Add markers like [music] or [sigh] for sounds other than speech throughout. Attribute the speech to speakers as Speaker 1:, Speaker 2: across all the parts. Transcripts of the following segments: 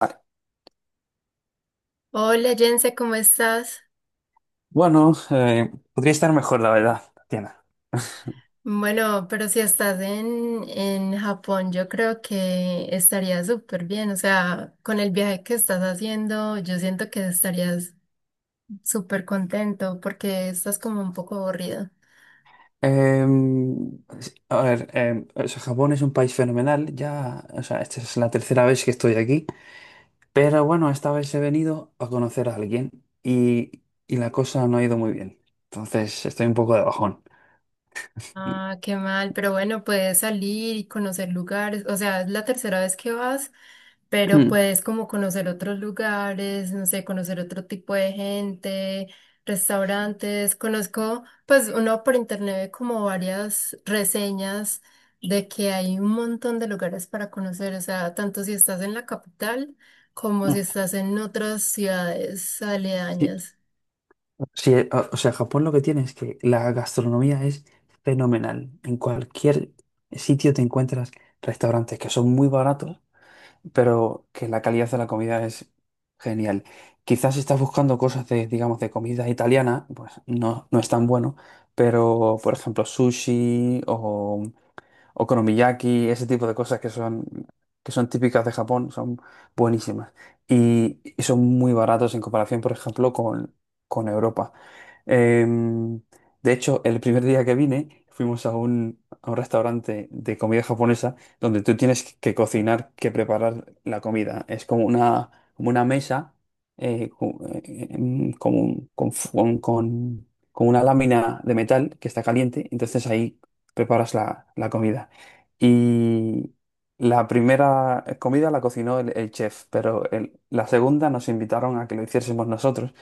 Speaker 1: Ah,
Speaker 2: Hola Jense, ¿cómo estás?
Speaker 1: bueno, podría estar mejor, la verdad, Tatiana.
Speaker 2: Bueno, pero si estás en Japón, yo creo que estaría súper bien. O sea, con el viaje que estás haciendo, yo siento que estarías súper contento porque estás como un poco aburrido.
Speaker 1: Eh, a ver, o sea, Japón es un país fenomenal. Ya, o sea, esta es la tercera vez que estoy aquí. Pero bueno, esta vez he venido a conocer a alguien y la cosa no ha ido muy bien. Entonces, estoy un poco de bajón.
Speaker 2: Ah, qué mal, pero bueno, puedes salir y conocer lugares, o sea, es la tercera vez que vas, pero
Speaker 1: [clears throat]
Speaker 2: puedes como conocer otros lugares, no sé, conocer otro tipo de gente, restaurantes. Conozco, pues uno por internet ve como varias reseñas de que hay un montón de lugares para conocer, o sea, tanto si estás en la capital como si estás en otras ciudades
Speaker 1: Sí,
Speaker 2: aledañas.
Speaker 1: sí, o sea, Japón lo que tiene es que la gastronomía es fenomenal. En cualquier sitio te encuentras restaurantes que son muy baratos, pero que la calidad de la comida es genial. Quizás, si estás buscando cosas de, digamos, de comida italiana, pues no, no es tan bueno, pero por ejemplo sushi o okonomiyaki, ese tipo de cosas que son típicas de Japón, son buenísimas. Y son muy baratos en comparación, por ejemplo, con Europa. Em, de hecho, el primer día que vine, fuimos a a un restaurante de comida japonesa donde tú tienes que cocinar, que preparar la comida. Es como una mesa, con una lámina de metal que está caliente, entonces ahí preparas la comida. Y la primera comida la cocinó el chef, pero la segunda nos invitaron a que lo hiciésemos nosotros,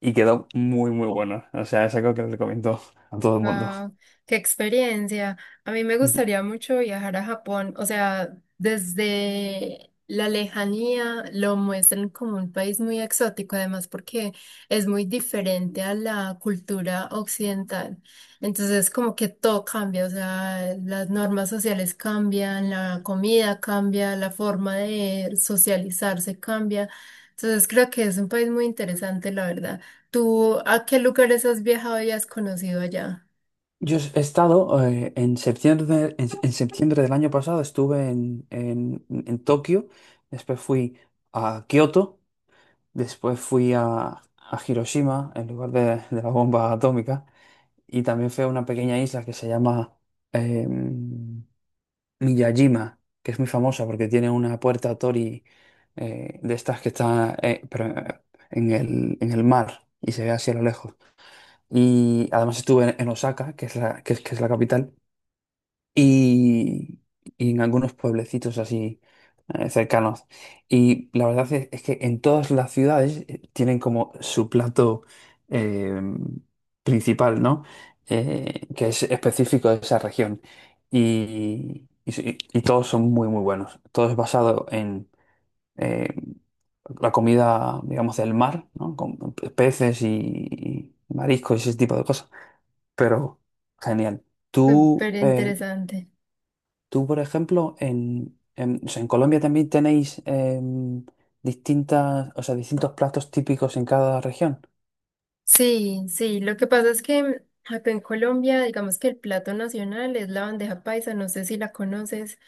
Speaker 1: y quedó muy, muy bueno. O sea, es algo que le recomiendo a todo el mundo.
Speaker 2: Wow, qué experiencia. A mí me gustaría mucho viajar a Japón. O sea, desde la lejanía lo muestran como un país muy exótico, además porque es muy diferente a la cultura occidental. Entonces, como que todo cambia, o sea, las normas sociales cambian, la comida cambia, la forma de socializarse cambia. Entonces, creo que es un país muy interesante, la verdad. ¿Tú a qué lugares has viajado y has conocido allá?
Speaker 1: Yo he estado, en septiembre del año pasado. Estuve en Tokio, después fui a Kioto, después fui a Hiroshima, en lugar de la bomba atómica, y también fui a una pequeña isla que se llama em, Miyajima, que es muy famosa porque tiene una puerta Tori, de estas que está, en en el mar, y se ve así a lo lejos. Y además estuve en Osaka, que es que es la capital, y, y en algunos pueblecitos así cercanos. Y la verdad es que en todas las ciudades tienen como su plato eh, principal, ¿no? Que es específico de esa región. Sí, y todos son muy, muy buenos. Todo es basado en eh, la comida, digamos, del mar, ¿no? Con peces y mariscos y ese tipo de cosas. Pero genial. ¿Tú,
Speaker 2: Súper
Speaker 1: eh,
Speaker 2: interesante.
Speaker 1: Tú, por ejemplo, o sea, en Colombia también tenéis, distintas, o sea, distintos platos típicos en cada región.
Speaker 2: Sí, sí, lo que pasa es que acá en Colombia, digamos que el plato nacional es la bandeja paisa, no sé si la conoces.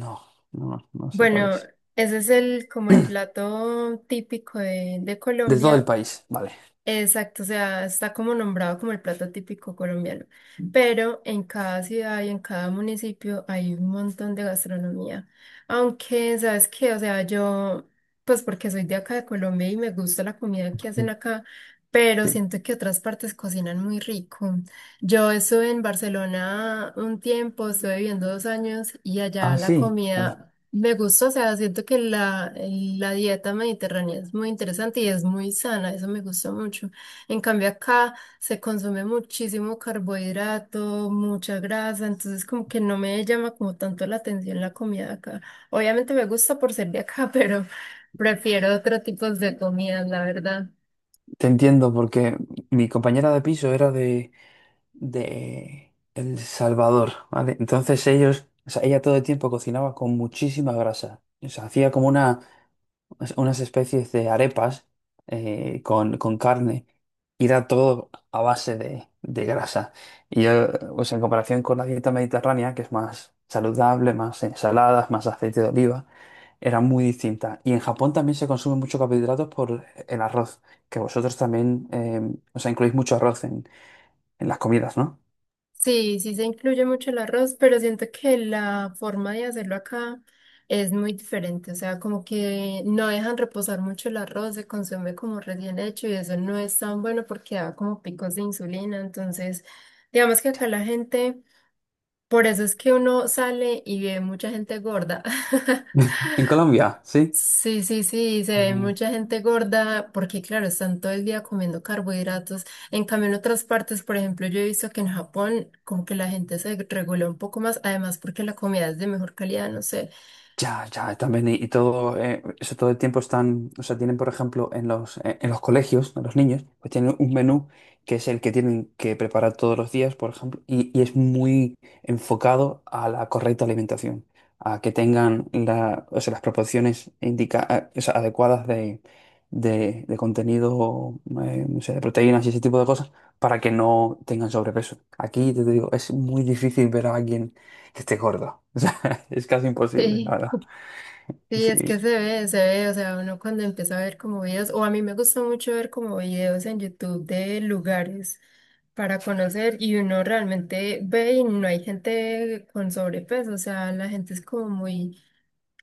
Speaker 1: No, no, no sé cuál
Speaker 2: Bueno,
Speaker 1: es.
Speaker 2: ese es el como el plato típico de
Speaker 1: De todo el
Speaker 2: Colombia.
Speaker 1: país, vale.
Speaker 2: Exacto, o sea, está como nombrado como el plato típico colombiano, pero en cada ciudad y en cada municipio hay un montón de gastronomía. Aunque, ¿sabes qué? O sea, yo, pues porque soy de acá de Colombia y me gusta la comida que hacen
Speaker 1: Mm.
Speaker 2: acá, pero
Speaker 1: Sí.
Speaker 2: siento que otras partes cocinan muy rico. Yo estuve en Barcelona un tiempo, estuve viviendo 2 años y allá
Speaker 1: Ah,
Speaker 2: la
Speaker 1: sí. Vale.
Speaker 2: comida me gusta, o sea, siento que la dieta mediterránea es muy interesante y es muy sana, eso me gusta mucho. En cambio acá se consume muchísimo carbohidrato, mucha grasa, entonces como que no me llama como tanto la atención la comida de acá. Obviamente me gusta por ser de acá, [laughs] pero prefiero otro tipo de comida, la verdad.
Speaker 1: Te entiendo, porque mi compañera de piso era de El Salvador, ¿vale? Entonces ellos, o sea, ella todo el tiempo cocinaba con muchísima grasa. O sea, hacía unas especies de arepas, con carne, y era todo a base de grasa. Y yo, pues en comparación con la dieta mediterránea, que es más saludable, más ensaladas, más aceite de oliva, era muy distinta. Y en Japón también se consume mucho carbohidratos por el arroz, que vosotros también, o sea, incluís mucho arroz en las comidas, ¿no?
Speaker 2: Sí, sí se incluye mucho el arroz, pero siento que la forma de hacerlo acá es muy diferente. O sea, como que no dejan reposar mucho el arroz, se consume como recién hecho y eso no es tan bueno porque da como picos de insulina. Entonces, digamos que acá la gente, por eso es que uno sale y ve mucha gente gorda. [laughs]
Speaker 1: En Colombia, sí.
Speaker 2: Sí, sí, sí, se ve
Speaker 1: Ah.
Speaker 2: mucha gente gorda porque, claro, están todo el día comiendo carbohidratos. En cambio, en otras partes, por ejemplo, yo he visto que en Japón como que la gente se regula un poco más, además porque la comida es de mejor calidad, no sé. [laughs]
Speaker 1: Ya, ya, también. Y todo, eso todo el tiempo están, o sea, tienen, por ejemplo, en los colegios, a los niños, pues tienen un menú que es el que tienen que preparar todos los días, por ejemplo, y es muy enfocado a la correcta alimentación, a que tengan la, o sea, las proporciones indica, o sea, adecuadas de contenido, no sé, de proteínas y ese tipo de cosas, para que no tengan sobrepeso. Aquí, te digo, es muy difícil ver a alguien que esté gordo. [laughs] Es casi imposible, la
Speaker 2: Sí.
Speaker 1: verdad. Y
Speaker 2: Sí, es
Speaker 1: sí.
Speaker 2: que se ve, o sea, uno cuando empieza a ver como videos, o a mí me gusta mucho ver como videos en YouTube de lugares para conocer y uno realmente ve y no hay gente con sobrepeso, o sea, la gente es como muy.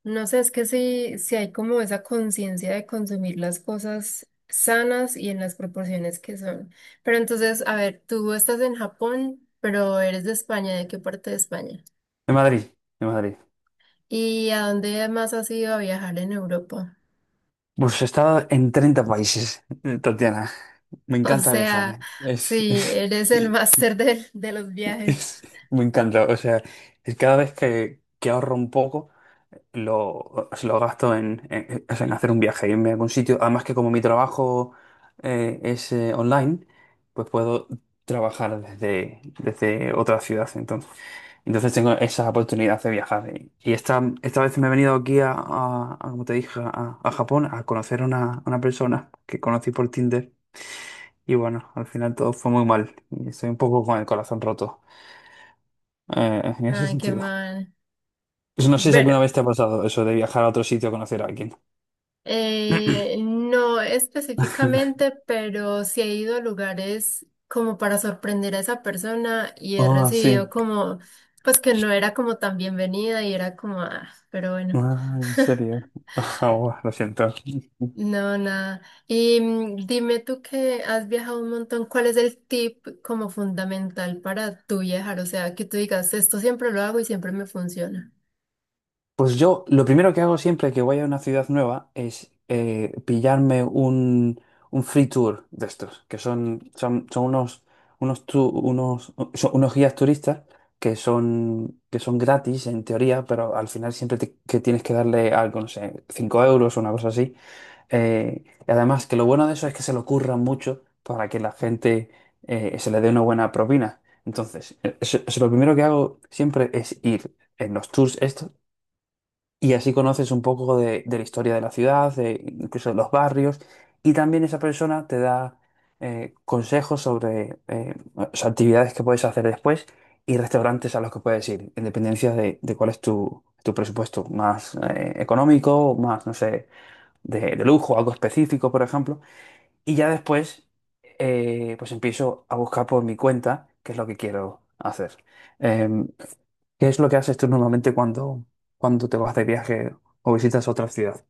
Speaker 2: No sé, es que sí, sí hay como esa conciencia de consumir las cosas sanas y en las proporciones que son. Pero entonces, a ver, tú estás en Japón, pero eres de España, ¿de qué parte de España?
Speaker 1: De Madrid, de Madrid.
Speaker 2: ¿Y a dónde más has ido a viajar en Europa? [laughs]
Speaker 1: Pues he estado en 30 países, Tatiana. Me
Speaker 2: O
Speaker 1: encanta viajar,
Speaker 2: sea,
Speaker 1: ¿eh? Es, [laughs]
Speaker 2: sí, eres el máster de los viajes.
Speaker 1: es- me encanta. O sea, es cada vez que ahorro un poco, se lo gasto o sea, en hacer un viaje, irme a algún sitio. Además, que como mi trabajo, es, online, pues puedo trabajar desde otra ciudad. Entonces tengo esa oportunidad de viajar. Y esta vez me he venido aquí como te dije, a Japón, a conocer a una persona que conocí por Tinder. Y bueno, al final todo fue muy mal, y estoy un poco con el corazón roto, en ese
Speaker 2: Ay, qué
Speaker 1: sentido.
Speaker 2: mal.
Speaker 1: Pues no sé si
Speaker 2: Bueno,
Speaker 1: alguna vez te ha pasado eso de viajar a otro sitio a conocer a alguien.
Speaker 2: eh, no
Speaker 1: [laughs]
Speaker 2: específicamente, pero sí he ido a lugares como para sorprender a esa persona y he
Speaker 1: Ah,
Speaker 2: recibido
Speaker 1: sí.
Speaker 2: como, pues que no era como tan bienvenida y era como, ah, pero bueno,
Speaker 1: Ah, ¿en serio? [laughs] Ah, buah, lo siento.
Speaker 2: no, nada. Y dime tú que has viajado un montón, ¿cuál es el tip como fundamental para tú viajar? O sea, que tú digas, esto siempre lo hago y siempre me funciona.
Speaker 1: Pues yo lo primero que hago siempre que voy a una ciudad nueva es, pillarme un free tour de estos, que son, son, son unos, unos, tu- unos, son unos guías turistas, que son gratis en teoría, pero al final siempre que tienes que darle algo, no sé, 5 euros o una cosa así. Y además, que lo bueno de eso es que se lo curran mucho para que la gente, se le dé una buena propina. Entonces, eso lo primero que hago siempre es ir en los tours estos, y así conoces un poco de la historia de la ciudad, de incluso de los barrios, y también esa persona te da, consejos sobre, o sea, actividades que puedes hacer después, y restaurantes a los que puedes ir, en dependencia de cuál es tu presupuesto, más, económico, más, no sé, de lujo, algo específico, por ejemplo. Y ya después, pues empiezo a buscar por mi cuenta qué es lo que quiero hacer. Eh, ¿qué es lo que haces tú normalmente cuando, te vas de viaje o visitas otra ciudad?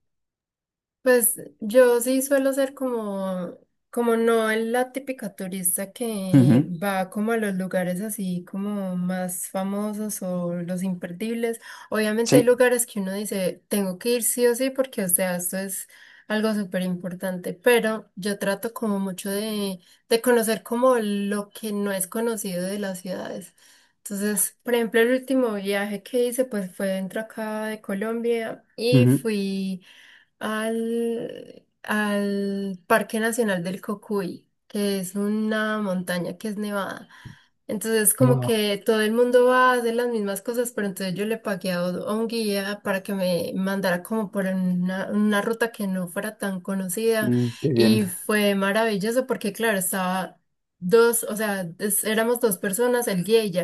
Speaker 2: Pues yo sí suelo ser como, como no la típica turista que
Speaker 1: Ujú.
Speaker 2: va como a los lugares así como más famosos o los imperdibles. Obviamente hay
Speaker 1: Sí.
Speaker 2: lugares que uno dice, tengo que ir sí o sí porque, o sea, esto es algo súper importante, pero yo trato como mucho de, conocer como lo que no es conocido de las ciudades. Entonces, por ejemplo, el último viaje que hice pues fue dentro acá de Colombia y
Speaker 1: Ujú.
Speaker 2: fui al Parque Nacional del Cocuy, que es una montaña que es nevada. Entonces, como
Speaker 1: Wow.
Speaker 2: que todo el mundo va a hacer las mismas cosas, pero entonces yo le pagué a un guía para que me mandara como por una ruta que no fuera tan conocida
Speaker 1: Mm, qué bien.
Speaker 2: y fue maravilloso porque, claro, estaba dos, o sea, éramos dos personas, el guía y yo.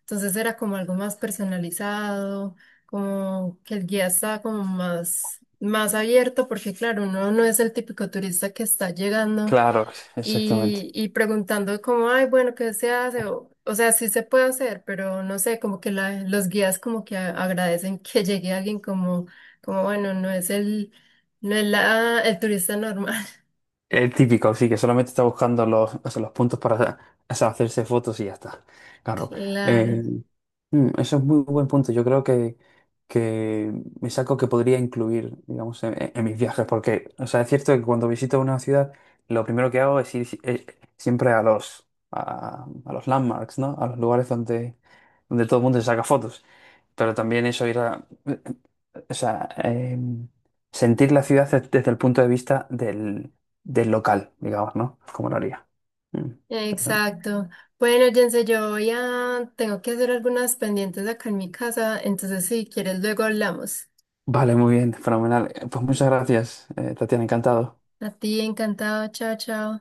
Speaker 2: Entonces era como algo más personalizado, como que el guía estaba como más, más abierto porque, claro, uno no es el típico turista que está llegando
Speaker 1: Claro, exactamente.
Speaker 2: y preguntando como, ay, bueno, ¿qué se hace? O sea, sí se puede hacer, pero no sé, como que los guías como que agradecen que llegue alguien como, como bueno, no es el, no es la, el turista normal. [laughs]
Speaker 1: El típico, sí, que solamente está buscando los, o sea, los puntos para, o sea, hacerse fotos y ya está. Claro.
Speaker 2: Claro,
Speaker 1: Eh, eso es muy buen punto. Yo creo que es algo que podría incluir, digamos, mis viajes, porque, o sea, es cierto que cuando visito una ciudad, lo primero que hago es ir siempre a los landmarks, ¿no? A los lugares donde todo el mundo se saca fotos. Pero también eso, ir a, o sea, em, sentir la ciudad desde el punto de vista del local, digamos, ¿no? Como lo haría. Mm, Interesante.
Speaker 2: exacto. Bueno, Jense, yo voy a, tengo que hacer algunas pendientes acá en mi casa, entonces si quieres luego hablamos.
Speaker 1: Vale, muy bien, fenomenal. Pues muchas gracias, Tatiana, encantado.
Speaker 2: A ti, encantado, chao, chao.